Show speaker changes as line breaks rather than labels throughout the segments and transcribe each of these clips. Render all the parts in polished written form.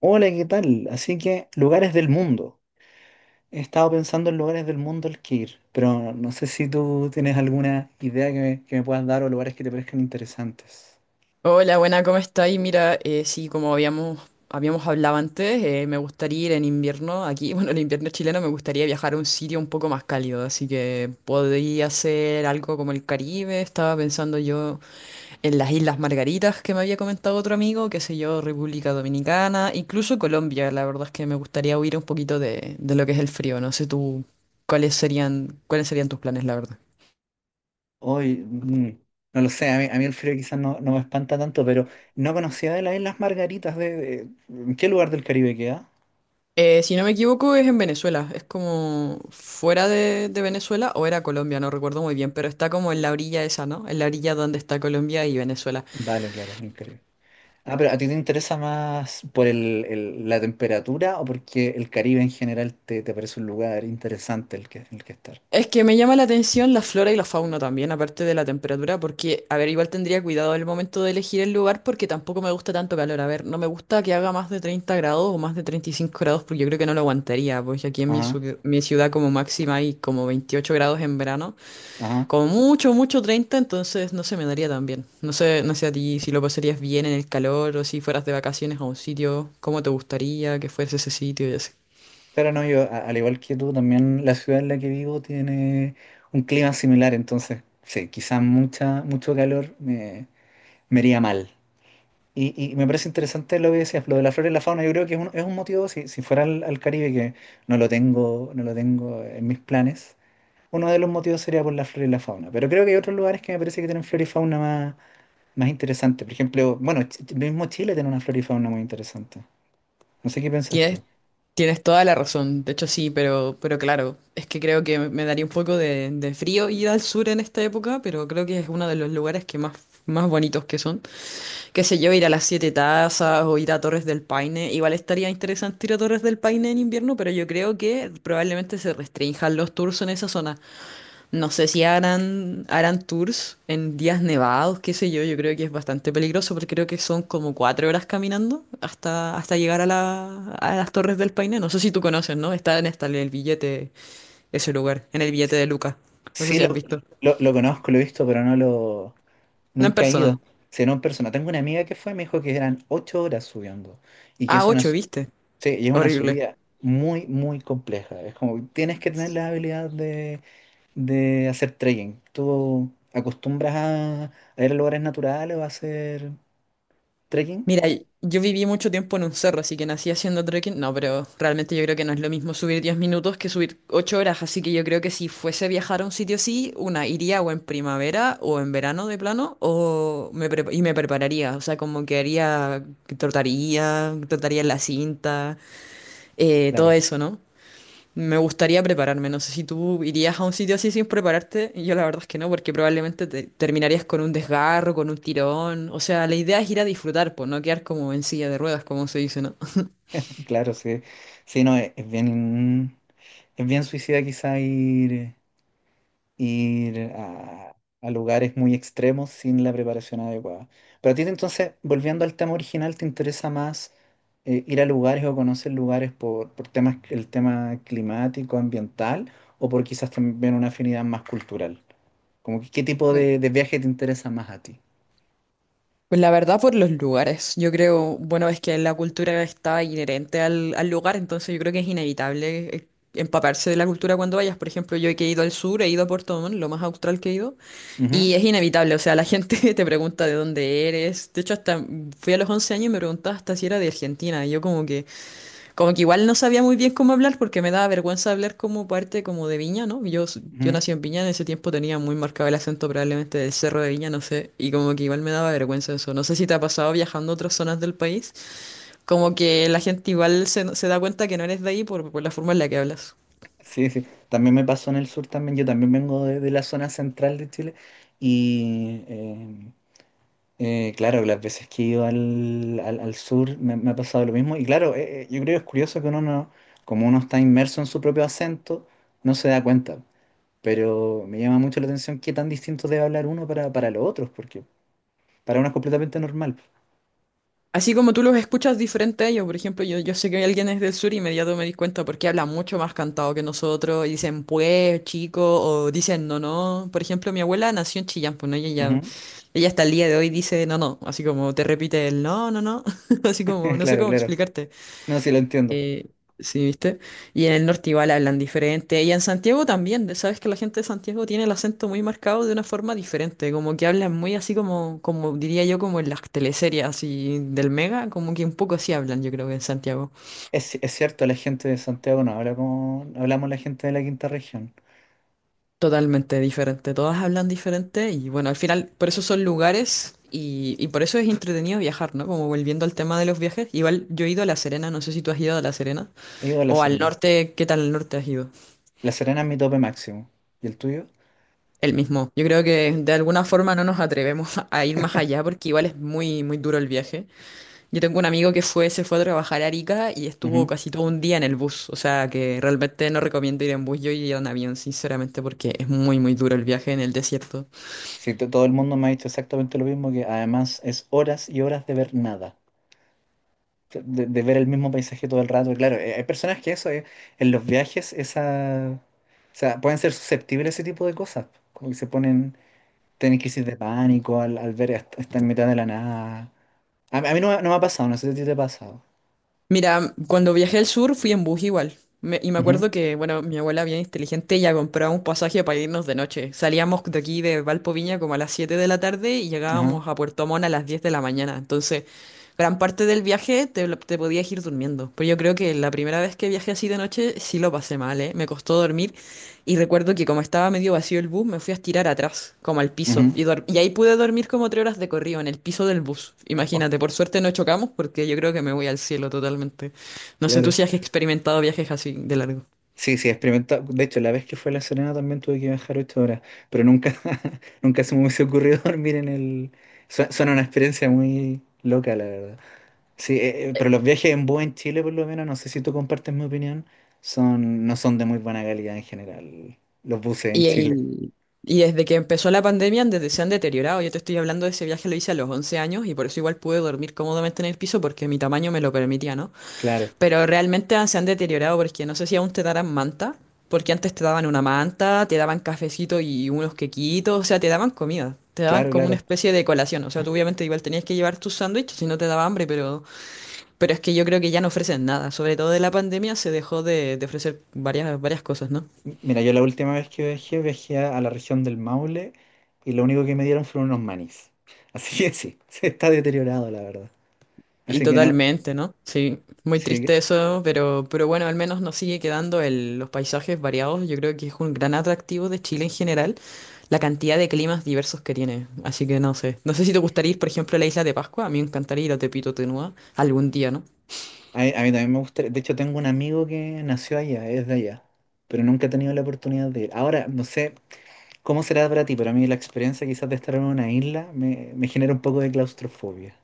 Hola, ¿qué tal? Así que lugares del mundo. He estado pensando en lugares del mundo al que ir, pero no sé si tú tienes alguna idea que me puedas dar o lugares que te parezcan interesantes.
Hola, buena, ¿cómo estáis? Mira, sí, como habíamos hablado antes, me gustaría ir en invierno aquí, bueno, en invierno chileno me gustaría viajar a un sitio un poco más cálido, así que podría ser algo como el Caribe, estaba pensando yo en las Islas Margaritas que me había comentado otro amigo, qué sé yo, República Dominicana, incluso Colombia, la verdad es que me gustaría huir un poquito de lo que es el frío, no sé tú, ¿cuáles serían tus planes, la verdad?
Hoy, no lo sé, a mí el frío quizás no, no me espanta tanto, pero no conocía de las Islas Margaritas ¿en qué lugar del Caribe queda?
Si no me equivoco, es en Venezuela. Es como fuera de Venezuela o era Colombia, no recuerdo muy bien, pero está como en la orilla esa, ¿no? En la orilla donde está Colombia y Venezuela.
Vale, claro, en el Caribe. Ah, pero ¿a ti te interesa más por la temperatura o porque el Caribe en general te parece un lugar interesante el que estar?
Es que me llama la atención la flora y la fauna también, aparte de la temperatura, porque, a ver, igual tendría cuidado al momento de elegir el lugar porque tampoco me gusta tanto calor. A ver, no me gusta que haga más de 30 grados o más de 35 grados porque yo creo que no lo aguantaría, pues aquí en mi,
Ajá,
ciu- mi ciudad como máxima hay como 28 grados en verano.
ajá.
Como mucho, mucho 30, entonces no se me daría tan bien. No sé, no sé a ti si lo pasarías bien en el calor o si fueras de vacaciones a un sitio, cómo te gustaría que fuese ese sitio y así.
Claro, no, yo, al igual que tú, también la ciudad en la que vivo tiene un clima similar, entonces, sí, quizás mucho calor me haría mal. Y me parece interesante lo que decías, lo de la flora y la fauna, yo creo que es es un motivo, si fuera al Caribe, que no lo tengo, no lo tengo en mis planes, uno de los motivos sería por la flora y la fauna, pero creo que hay otros lugares que me parece que tienen flora y fauna más interesante, por ejemplo, bueno, mismo Chile tiene una flora y fauna muy interesante, no sé qué piensas tú.
Tienes, tienes toda la razón, de hecho sí, pero claro, es que creo que me daría un poco de frío ir al sur en esta época, pero creo que es uno de los lugares que más bonitos que son. Qué sé yo, ir a las Siete Tazas o ir a Torres del Paine. Igual estaría interesante ir a Torres del Paine en invierno, pero yo creo que probablemente se restrinjan los tours en esa zona. No sé si harán tours en días nevados, qué sé yo. Yo creo que es bastante peligroso porque creo que son como 4 horas caminando hasta llegar a las Torres del Paine. No sé si tú conoces, ¿no? Está en el billete, ese lugar, en el billete de Luca. No sé
Sí,
si has visto.
lo conozco, lo he visto, pero no lo...
No en
Nunca he
persona.
ido, sino en persona. Tengo una amiga que fue, me dijo que eran 8 horas subiendo y que
Ah,
es
ocho, ¿viste?
sí, y es una
Horrible.
subida muy, muy compleja. Es como, tienes que tener la habilidad de hacer trekking. ¿Tú acostumbras a ir a lugares naturales o a hacer trekking?
Mira, yo viví mucho tiempo en un cerro, así que nací haciendo trekking. No, pero realmente yo creo que no es lo mismo subir 10 minutos que subir 8 horas. Así que yo creo que si fuese a viajar a un sitio así, una iría o en primavera o en verano de plano, o y me prepararía. O sea, como que haría, que trotaría en la cinta,
Claro,
todo eso, ¿no? Me gustaría prepararme, no sé si tú irías a un sitio así sin prepararte, y yo la verdad es que no, porque probablemente te terminarías con un desgarro, con un tirón, o sea, la idea es ir a disfrutar, pues no quedar como en silla de ruedas, como se dice, ¿no?
claro, sí. Sí, no, es bien suicida quizá ir a lugares muy extremos sin la preparación adecuada. Pero a ti entonces, volviendo al tema original, ¿te interesa más ir a lugares o conocer lugares por temas, el tema climático, ambiental, o por quizás también una afinidad más cultural? Como que, ¿qué tipo de viaje te interesa más a ti?
Pues la verdad por los lugares. Yo creo, bueno, es que la cultura está inherente al lugar, entonces yo creo que es inevitable empaparse de la cultura cuando vayas. Por ejemplo, yo que he ido al sur, he ido a Puerto Montt, lo más austral que he ido,
Ujú,
y es inevitable, o sea, la gente te pregunta de dónde eres. De hecho, hasta fui a los 11 años y me preguntaba hasta si era de Argentina, y yo como que... Como que igual no sabía muy bien cómo hablar porque me daba vergüenza hablar como parte como de Viña, ¿no? Yo
ujú.
nací en Viña, en ese tiempo tenía muy marcado el acento probablemente del Cerro de Viña, no sé, y como que igual me daba vergüenza eso. No sé si te ha pasado viajando a otras zonas del país, como que la gente igual se da cuenta que no eres de ahí por la forma en la que hablas.
Sí, sí. También me pasó en el sur también. Yo también vengo de la zona central de Chile y claro, las veces que he ido al sur me ha pasado lo mismo. Y claro, yo creo que es curioso que uno no, como uno está inmerso en su propio acento, no se da cuenta. Pero me llama mucho la atención qué tan distinto debe hablar uno para los otros, porque para uno es completamente normal.
Así como tú los escuchas diferente a ellos, por ejemplo, yo sé que alguien es del sur y inmediato me di cuenta porque habla mucho más cantado que nosotros y dicen pues, chico, o dicen no, no. Por ejemplo, mi abuela nació en Chillán, pues, ¿no?
Ujú.
Ella hasta el día de hoy dice no, no, así como te repite el no, no, no, así como no sé
Claro,
cómo
claro.
explicarte.
No, sí lo entiendo.
Eh, sí, ¿viste? Y en el norte igual hablan diferente. Y en Santiago también, sabes que la gente de Santiago tiene el acento muy marcado de una forma diferente, como que hablan muy así como, como diría yo, como en las teleseries así del Mega, como que un poco así hablan, yo creo que en Santiago.
Es cierto, la gente de Santiago no habla como no hablamos la gente de la quinta región.
Totalmente diferente, todas hablan diferente y bueno, al final por eso son lugares y por eso es entretenido viajar, ¿no? Como volviendo al tema de los viajes, igual yo he ido a La Serena, no sé si tú has ido a La Serena
He ido a La
o al
Serena.
norte, ¿qué tal al norte has ido?
La Serena es mi tope máximo. ¿Y el tuyo?
El mismo. Yo creo que de alguna forma no nos atrevemos a ir más allá porque igual es muy, muy duro el viaje. Yo tengo un amigo que fue, se fue a trabajar a Arica y estuvo casi todo un día en el bus, o sea que realmente no recomiendo ir en bus, yo iría en avión, sinceramente, porque es muy, muy duro el viaje en el desierto.
Sí, todo el mundo me ha dicho exactamente lo mismo, que además es horas y horas de ver nada, de ver el mismo paisaje todo el rato. Y claro, hay personas que eso, en los viajes, esa, o sea, pueden ser susceptibles a ese tipo de cosas, como que se ponen, tienen crisis de pánico al ver estar en mitad de la nada. A mí no, me no me ha pasado, no sé si a ti te ha pasado.
Mira, cuando viajé al sur fui en bus igual. Y me
Ujú,
acuerdo que, bueno, mi abuela bien inteligente ya compraba un pasaje para irnos de noche. Salíamos de aquí de Valpo Viña como a las 7 de la tarde y
ajá,
llegábamos a Puerto Montt a las 10 de la mañana. Entonces, gran parte del viaje te podías ir durmiendo. Pero yo creo que la primera vez que viajé así de noche sí lo pasé mal, ¿eh? Me costó dormir, y recuerdo que como estaba medio vacío el bus, me fui a estirar atrás, como al piso.
ujú.
Y ahí pude dormir como 3 horas de corrido en el piso del bus. Imagínate, por suerte no chocamos porque yo creo que me voy al cielo totalmente. No sé tú
Claro.
si has experimentado viajes así de largo.
Sí, sí, he experimentado. De hecho, la vez que fue a La Serena también tuve que viajar 8 horas, pero nunca, nunca se me hubiese ocurrido dormir en el... Suena una experiencia muy loca, la verdad. Sí, pero los viajes en bus en Chile, por lo menos, no sé si tú compartes mi opinión, son, no son de muy buena calidad en general, los buses en
Y,
Chile.
y- y desde que empezó la pandemia, desde se han deteriorado. Yo te estoy hablando de ese viaje, lo hice a los 11 años y por eso igual pude dormir cómodamente en el piso porque mi tamaño me lo permitía, ¿no?
Claro,
Pero realmente se han deteriorado porque no sé si aún te darán manta, porque antes te daban una manta, te daban cafecito y unos quequitos, o sea, te daban comida, te daban
claro,
como una
claro.
especie de colación, o sea, tú obviamente igual tenías que llevar tus sándwiches si no te daba hambre, pero, es que yo creo que ya no ofrecen nada, sobre todo de la pandemia se dejó de ofrecer varias cosas, ¿no?
Mira, yo la última vez que viajé, a la región del Maule y lo único que me dieron fueron unos manís. Así que sí, se está deteriorado, la verdad.
Y
Así que no.
totalmente, ¿no? Sí, muy
Sí,
triste eso, pero bueno, al menos nos sigue quedando los paisajes variados, yo creo que es un gran atractivo de Chile en general, la cantidad de climas diversos que tiene. Así que no sé. No sé si te gustaría ir, por ejemplo, a la isla de Pascua. A mí me encantaría ir a Tepito, Tenua, algún día, ¿no?
a mí también me gusta, de hecho tengo un amigo que nació allá, es de allá, pero nunca he tenido la oportunidad de ir. Ahora, no sé cómo será para ti, pero a mí la experiencia quizás de estar en una isla me genera un poco de claustrofobia.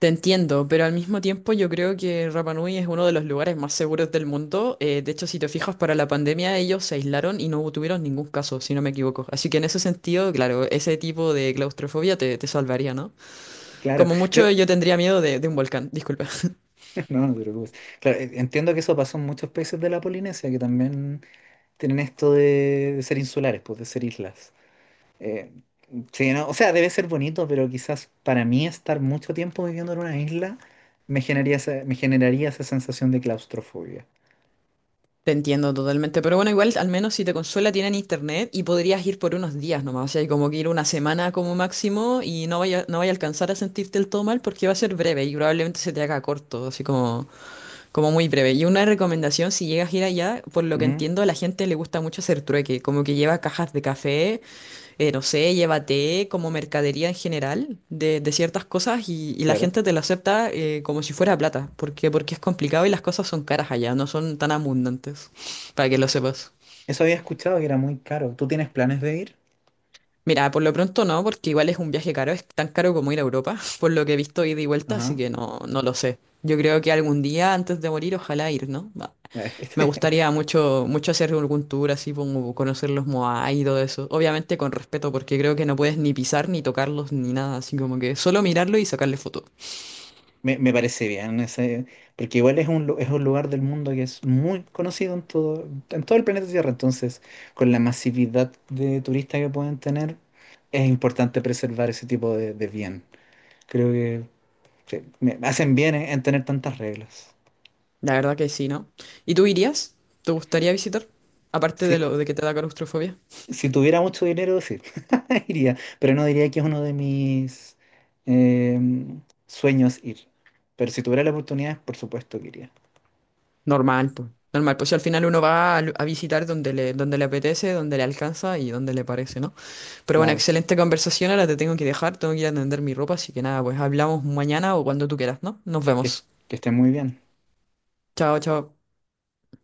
Te entiendo, pero al mismo tiempo yo creo que Rapa Nui es uno de los lugares más seguros del mundo. De hecho, si te fijas, para la pandemia ellos se aislaron y no tuvieron ningún caso, si no me equivoco. Así que en ese sentido, claro, ese tipo de claustrofobia te salvaría, ¿no?
Claro,
Como
creo,
mucho, yo tendría miedo de un volcán, disculpa.
no, no te preocupes. Claro, entiendo que eso pasó en muchos países de la Polinesia, que también tienen esto de ser insulares, pues de ser islas. Eh, sí, no, o sea, debe ser bonito, pero quizás para mí estar mucho tiempo viviendo en una isla me generaría me generaría esa sensación de claustrofobia.
Te entiendo totalmente, pero bueno, igual al menos si te consuela tienen internet y podrías ir por unos días nomás, o sea, hay como que ir una semana como máximo y no vaya a alcanzar a sentirte el todo mal porque va a ser breve y probablemente se te haga corto, así como muy breve. Y una recomendación, si llegas a ir allá, por lo que entiendo, a la gente le gusta mucho hacer trueque, como que lleva cajas de café, no sé, llévate como mercadería en general de ciertas cosas y la
Claro.
gente te lo acepta, como si fuera plata, porque es complicado y las cosas son caras allá, no son tan abundantes, para que lo
Eso,
sepas.
eso había escuchado que era muy caro. ¿Tú tienes planes de ir?
Mira, por lo pronto no, porque igual es un viaje caro, es tan caro como ir a Europa, por lo que he visto ida y vuelta, así
Ajá.
que no, no lo sé. Yo creo que algún día antes de morir, ojalá ir, ¿no? Va. Me gustaría mucho, mucho hacer algún tour así, como conocer los Moai y todo eso. Obviamente con respeto, porque creo que no puedes ni pisar, ni tocarlos, ni nada, así como que solo mirarlo y sacarle foto.
Me parece bien ese, porque igual es un lugar del mundo que es muy conocido en todo el planeta Tierra. Entonces, con la masividad de turistas que pueden tener, es importante preservar ese tipo de bien. Creo que sí, me hacen bien en tener tantas reglas.
La verdad que sí, ¿no? ¿Y tú irías? ¿Te gustaría visitar? Aparte de
Sí,
lo de que te da claustrofobia.
si tuviera mucho dinero, sí, iría, pero no diría que es uno de mis sueños ir. Pero si tuviera la oportunidad, por supuesto que iría.
Normal, pues. Normal, pues si al final uno va a visitar donde le apetece, donde le alcanza y donde le parece, ¿no? Pero bueno,
Claro,
excelente conversación, ahora te tengo que dejar, tengo que ir a tender mi ropa, así que nada, pues hablamos mañana o cuando tú quieras, ¿no? Nos
que,
vemos.
que esté muy bien.
Chao, chao.